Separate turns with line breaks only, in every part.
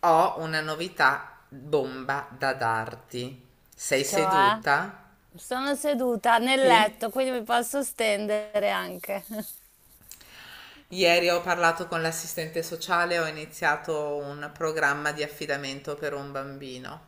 Ho una novità bomba da darti. Sei
Cioè,
seduta?
sono seduta nel
Sì.
letto, quindi mi posso stendere anche.
Ieri ho parlato con l'assistente sociale, ho iniziato un programma di affidamento per un bambino.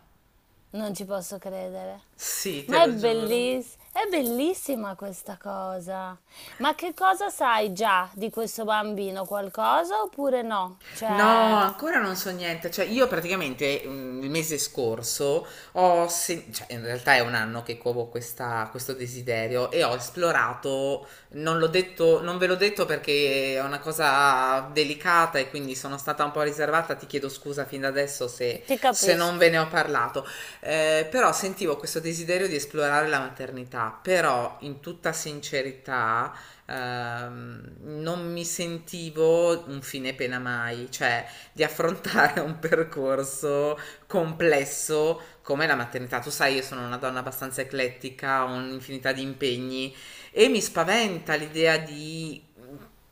Non ci posso credere.
Sì, te
Ma
lo giuro.
è bellissima questa cosa. Ma che cosa sai già di questo bambino? Qualcosa oppure no?
No,
Cioè,
ancora non so niente. Cioè, io praticamente il mese scorso in realtà è un anno che covo questo desiderio e ho esplorato, non l'ho detto, non ve l'ho detto perché è una cosa delicata e quindi sono stata un po' riservata. Ti chiedo scusa fin da adesso se,
ti
se non
capisco.
ve ne ho parlato. Però sentivo questo desiderio di esplorare la maternità, però in tutta sincerità non mi sentivo un fine pena mai, cioè di affrontare un percorso complesso come la maternità. Tu sai, io sono una donna abbastanza eclettica, ho un'infinità di impegni e mi spaventa l'idea di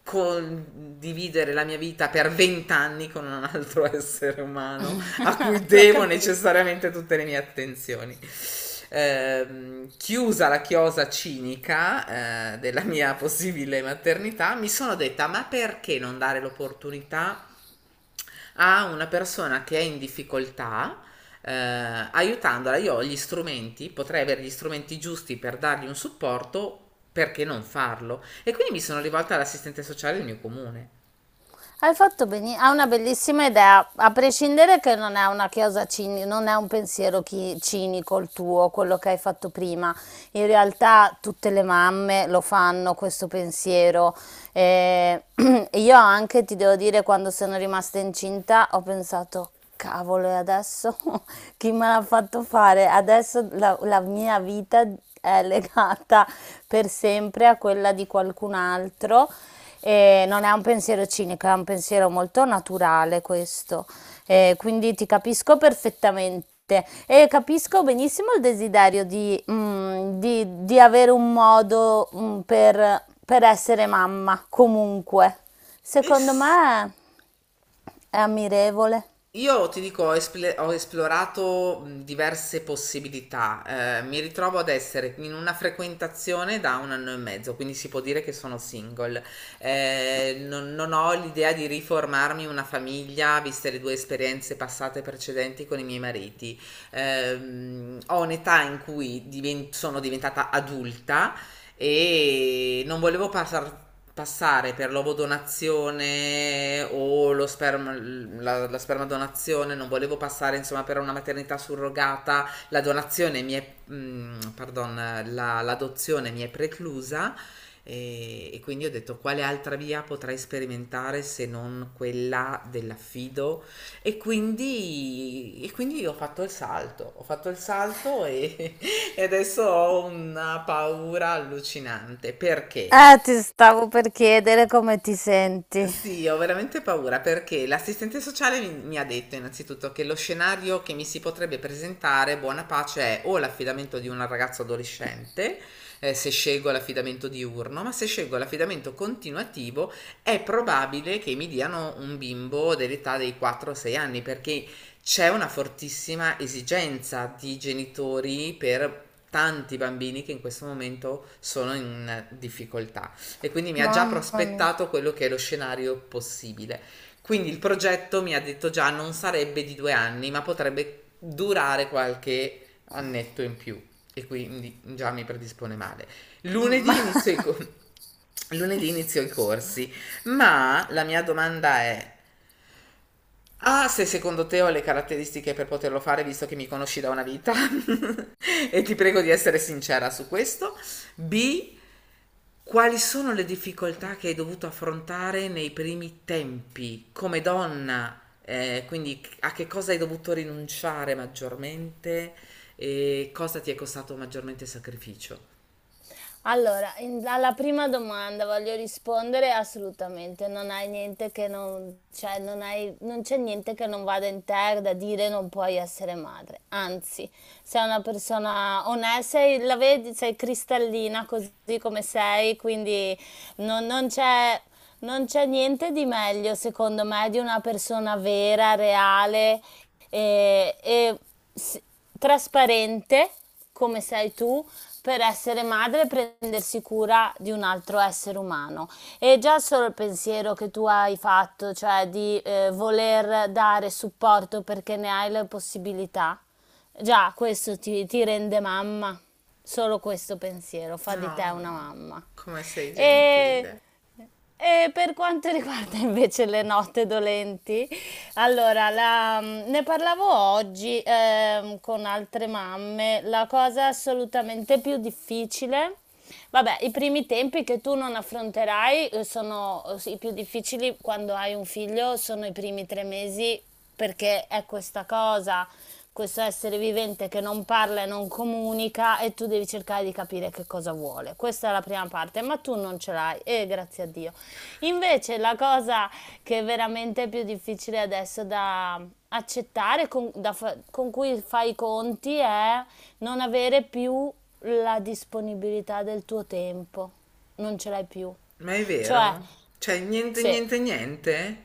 condividere la mia vita per 20 anni con un altro essere umano a cui
Lo
devo
capisco.
necessariamente tutte le mie attenzioni. Chiusa la chiosa cinica della mia possibile maternità, mi sono detta: ma perché non dare l'opportunità a una persona che è in difficoltà? Eh, aiutandola, io ho gli strumenti, potrei avere gli strumenti giusti per dargli un supporto, perché non farlo? E quindi mi sono rivolta all'assistente sociale del mio comune.
Hai fatto benissimo, ha una bellissima idea, a prescindere che non è una chiosa non è un pensiero cinico il tuo, quello che hai fatto prima. In realtà tutte le mamme lo fanno questo pensiero. Eh, io anche ti devo dire, quando sono rimasta incinta, ho pensato, cavolo, e adesso chi me l'ha fatto fare? Adesso la mia vita è legata per sempre a quella di qualcun altro. E non è un pensiero cinico, è un pensiero molto naturale questo. E quindi ti capisco perfettamente e capisco benissimo il desiderio di avere un modo, per, essere mamma, comunque.
E
Secondo
s-
me è ammirevole.
Io ti dico, ho esplorato diverse possibilità. Eh, mi ritrovo ad essere in una frequentazione da 1 anno e mezzo, quindi si può dire che sono single. Non ho l'idea di riformarmi una famiglia, viste le due esperienze passate precedenti con i miei mariti. Ho un'età in cui diven- sono diventata adulta e non volevo passar- passare per l'ovodonazione o lo sperma, la spermadonazione, non volevo passare insomma per una maternità surrogata, la donazione mi è, pardon, l'adozione mi è preclusa e quindi ho detto quale altra via potrei sperimentare se non quella dell'affido e quindi ho fatto il salto, ho fatto il salto e adesso ho una paura allucinante perché
Ti stavo per chiedere come ti senti.
sì, ho veramente paura perché l'assistente sociale mi ha detto innanzitutto che lo scenario che mi si potrebbe presentare, buona pace, è o l'affidamento di un ragazzo adolescente, se scelgo l'affidamento diurno, ma se scelgo l'affidamento continuativo è probabile che mi diano un bimbo dell'età dei 4-6 anni perché c'è una fortissima esigenza di genitori per tanti bambini che in questo momento sono in difficoltà e quindi mi ha già
Mamma mia.
prospettato quello che è lo scenario possibile. Quindi il progetto mi ha detto già non sarebbe di 2 anni, ma potrebbe durare qualche annetto in più e quindi già mi predispone male. Lunedì inizio
Mm.
i, co- lunedì inizio i corsi, ma la mia domanda è, ah, se secondo te ho le caratteristiche per poterlo fare, visto che mi conosci da una vita, e ti prego di essere sincera su questo, B, quali sono le difficoltà che hai dovuto affrontare nei primi tempi come donna? Quindi a che cosa hai dovuto rinunciare maggiormente e cosa ti è costato maggiormente sacrificio?
Allora, alla prima domanda voglio rispondere assolutamente, non hai niente che non, cioè, non c'è niente che non vada in te da dire non puoi essere madre. Anzi, sei una persona onesta, sei, la vedi, sei cristallina così come sei, quindi non, non c'è non c'è niente di meglio, secondo me, di una persona vera, reale e s- trasparente come sei tu per essere madre e prendersi cura di un altro essere umano. E già solo il pensiero che tu hai fatto, cioè di voler dare supporto perché ne hai le possibilità, già questo ti rende mamma. Solo questo pensiero fa di te
No,
una mamma.
come sei
E
gentile.
e per quanto riguarda invece le note dolenti, allora ne parlavo oggi, con altre mamme, la cosa assolutamente più difficile, vabbè, i primi tempi che tu non affronterai, sono, s i più difficili quando hai un figlio sono i primi 3 mesi perché è questa cosa, questo essere vivente che non parla e non comunica e tu devi cercare di capire che cosa vuole. Questa è la prima parte, ma tu non ce l'hai e grazie a Dio. Invece la cosa che è veramente più difficile adesso da accettare, con cui fai i conti, è non avere più la disponibilità del tuo tempo. Non ce l'hai più.
Ma è
Cioè,
vero? Cioè, niente,
se
niente, niente?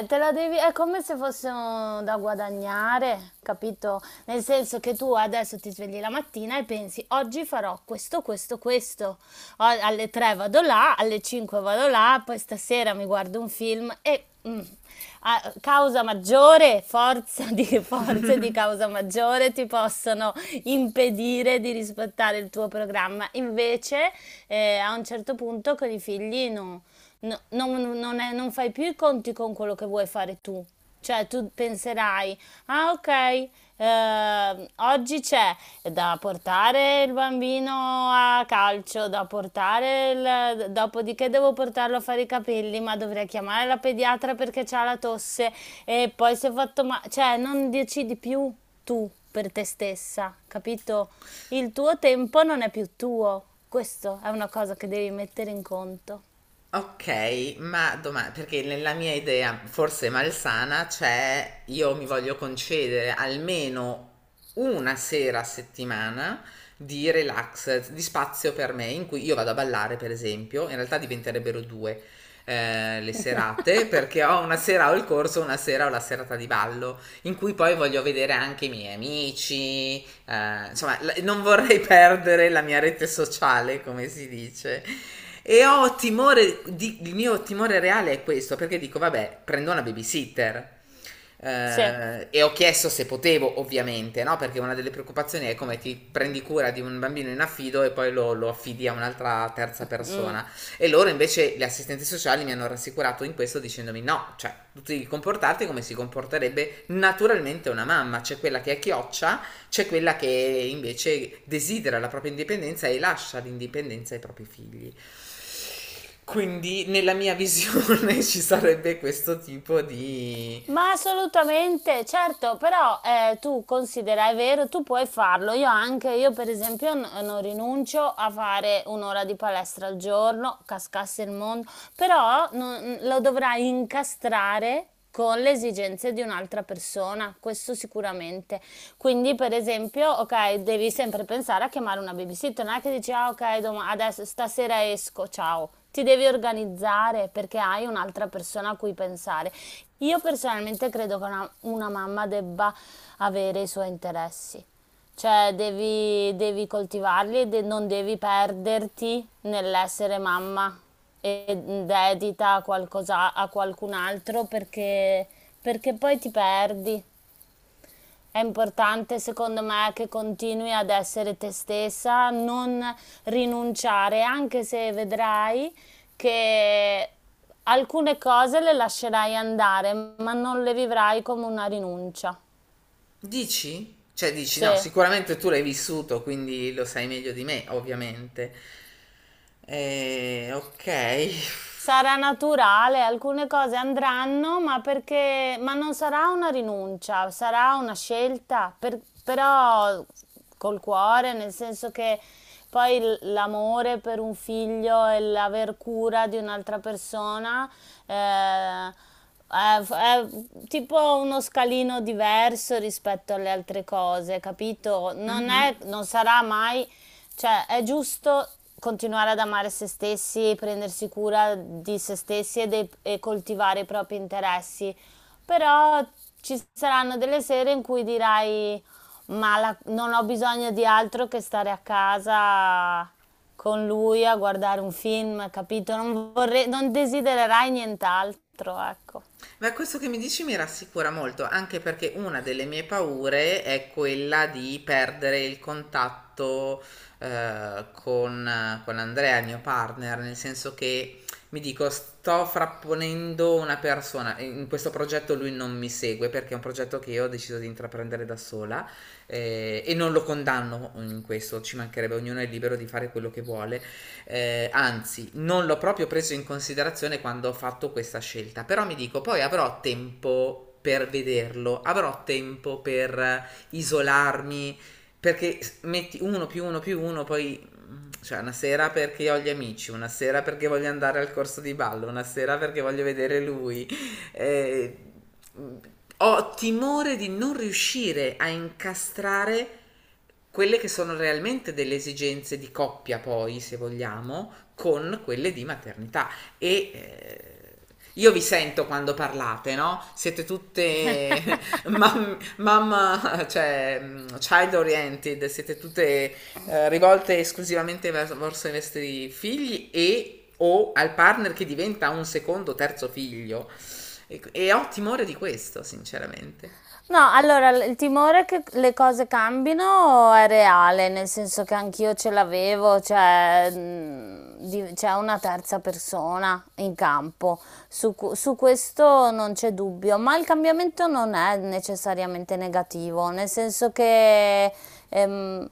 te la devi, è come se fosse da guadagnare, capito? Nel senso che tu adesso ti svegli la mattina e pensi, oggi farò questo, questo, questo. Alle 3 vado là, alle 5 vado là, poi stasera mi guardo un film e, causa maggiore, forza di, forze di causa maggiore ti possono impedire di rispettare il tuo programma. Invece, a un certo punto con i figli no, non fai più i conti con quello che vuoi fare tu. Cioè, tu penserai, ah, ok, oggi c'è da portare il bambino a calcio, da portare dopodiché devo portarlo a fare i capelli, ma dovrei chiamare la pediatra perché c'ha la tosse e poi si è fatto male. Cioè, non decidi più tu per te stessa, capito? Il tuo tempo non è più tuo. Questo è una cosa che devi mettere in conto.
Okay, ma doma perché nella mia idea, forse malsana, c'è: io mi voglio concedere almeno una sera a settimana di relax, di spazio per me, in cui io vado a ballare per esempio, in realtà diventerebbero 2, le serate, perché ho una sera ho il corso, una sera ho la serata di ballo, in cui poi voglio vedere anche i miei amici, insomma, non vorrei perdere la mia rete sociale, come si dice. E ho timore, il mio timore reale è questo, perché dico, vabbè, prendo una babysitter.
Sì.
E ho chiesto se potevo, ovviamente, no? Perché una delle preoccupazioni è come ti prendi cura di un bambino in affido e poi lo affidi a un'altra terza
Mm.
persona. E loro invece, gli assistenti sociali, mi hanno rassicurato in questo dicendomi no, cioè tu devi comportarti come si comporterebbe naturalmente una mamma, cioè quella che è chioccia c'è quella che invece desidera la propria indipendenza e lascia l'indipendenza ai propri figli. Quindi nella mia visione ci sarebbe questo tipo di...
Ma assolutamente, certo, però tu considera, è vero, tu puoi farlo, io anche, io per esempio non rinuncio a fare un'ora di palestra al giorno, cascasse il mondo, però lo dovrai incastrare con le esigenze di un'altra persona, questo sicuramente. Quindi, per esempio, ok, devi sempre pensare a chiamare una babysitter, non è che dici, ah, ok, adesso stasera esco, ciao. Ti devi organizzare perché hai un'altra persona a cui pensare. Io personalmente credo che una mamma debba avere i suoi interessi, cioè devi, devi coltivarli e non devi perderti nell'essere mamma e dedita a qualcosa, a qualcun altro perché, perché poi ti perdi. È importante secondo me che continui ad essere te stessa, non rinunciare, anche se vedrai che alcune cose le lascerai andare, ma non le vivrai come una rinuncia.
Dici? Cioè dici no,
Sì.
sicuramente tu l'hai vissuto, quindi lo sai meglio di me, ovviamente. Ok,
Sarà naturale, alcune cose andranno, ma perché, ma non sarà una rinuncia, sarà una scelta, però col cuore, nel senso che poi l'amore per un figlio e l'aver cura di un'altra persona, eh, è tipo uno scalino diverso rispetto alle altre cose, capito? Non è, non sarà mai, cioè è giusto continuare ad amare se stessi, prendersi cura di se stessi e, e coltivare i propri interessi, però ci saranno delle sere in cui dirai, ma non ho bisogno di altro che stare a casa con lui a guardare un film, capito? Non vorrei, non desidererai nient'altro, ecco.
ma questo che mi dici mi rassicura molto, anche perché una delle mie paure è quella di perdere il contatto con Andrea, il mio partner, nel senso che mi dico sto frapponendo una persona, in questo progetto lui non mi segue perché è un progetto che io ho deciso di intraprendere da sola e non lo condanno in questo, ci mancherebbe, ognuno è libero di fare quello che vuole, anzi, non l'ho proprio preso in considerazione quando ho fatto questa scelta, però mi dico, poi avrò tempo per vederlo, avrò tempo per isolarmi, perché metti uno più uno più uno, poi cioè una sera perché ho gli amici, una sera perché voglio andare al corso di ballo, una sera perché voglio vedere lui, eh, ho timore di non riuscire a incastrare quelle che sono realmente delle esigenze di coppia, poi, se vogliamo, con quelle di maternità. E io vi sento quando parlate, no? Siete tutte mam- mamma, cioè child oriented, siete tutte rivolte esclusivamente verso i vostri figli e o al partner che diventa un secondo, terzo figlio. E ho timore di questo, sinceramente.
No, allora il timore che le cose cambino è reale, nel senso che anch'io ce l'avevo, cioè c'è una terza persona in campo, su questo non c'è dubbio, ma il cambiamento non è necessariamente negativo, nel senso che ehm,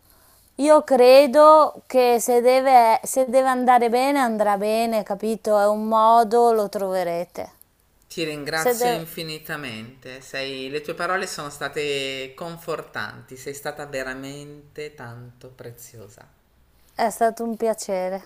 io credo che se deve, se deve andare bene andrà bene, capito? È un modo, lo troverete.
Ti
Se
ringrazio
deve-
infinitamente, le tue parole sono state confortanti, sei stata veramente tanto preziosa.
È stato un piacere.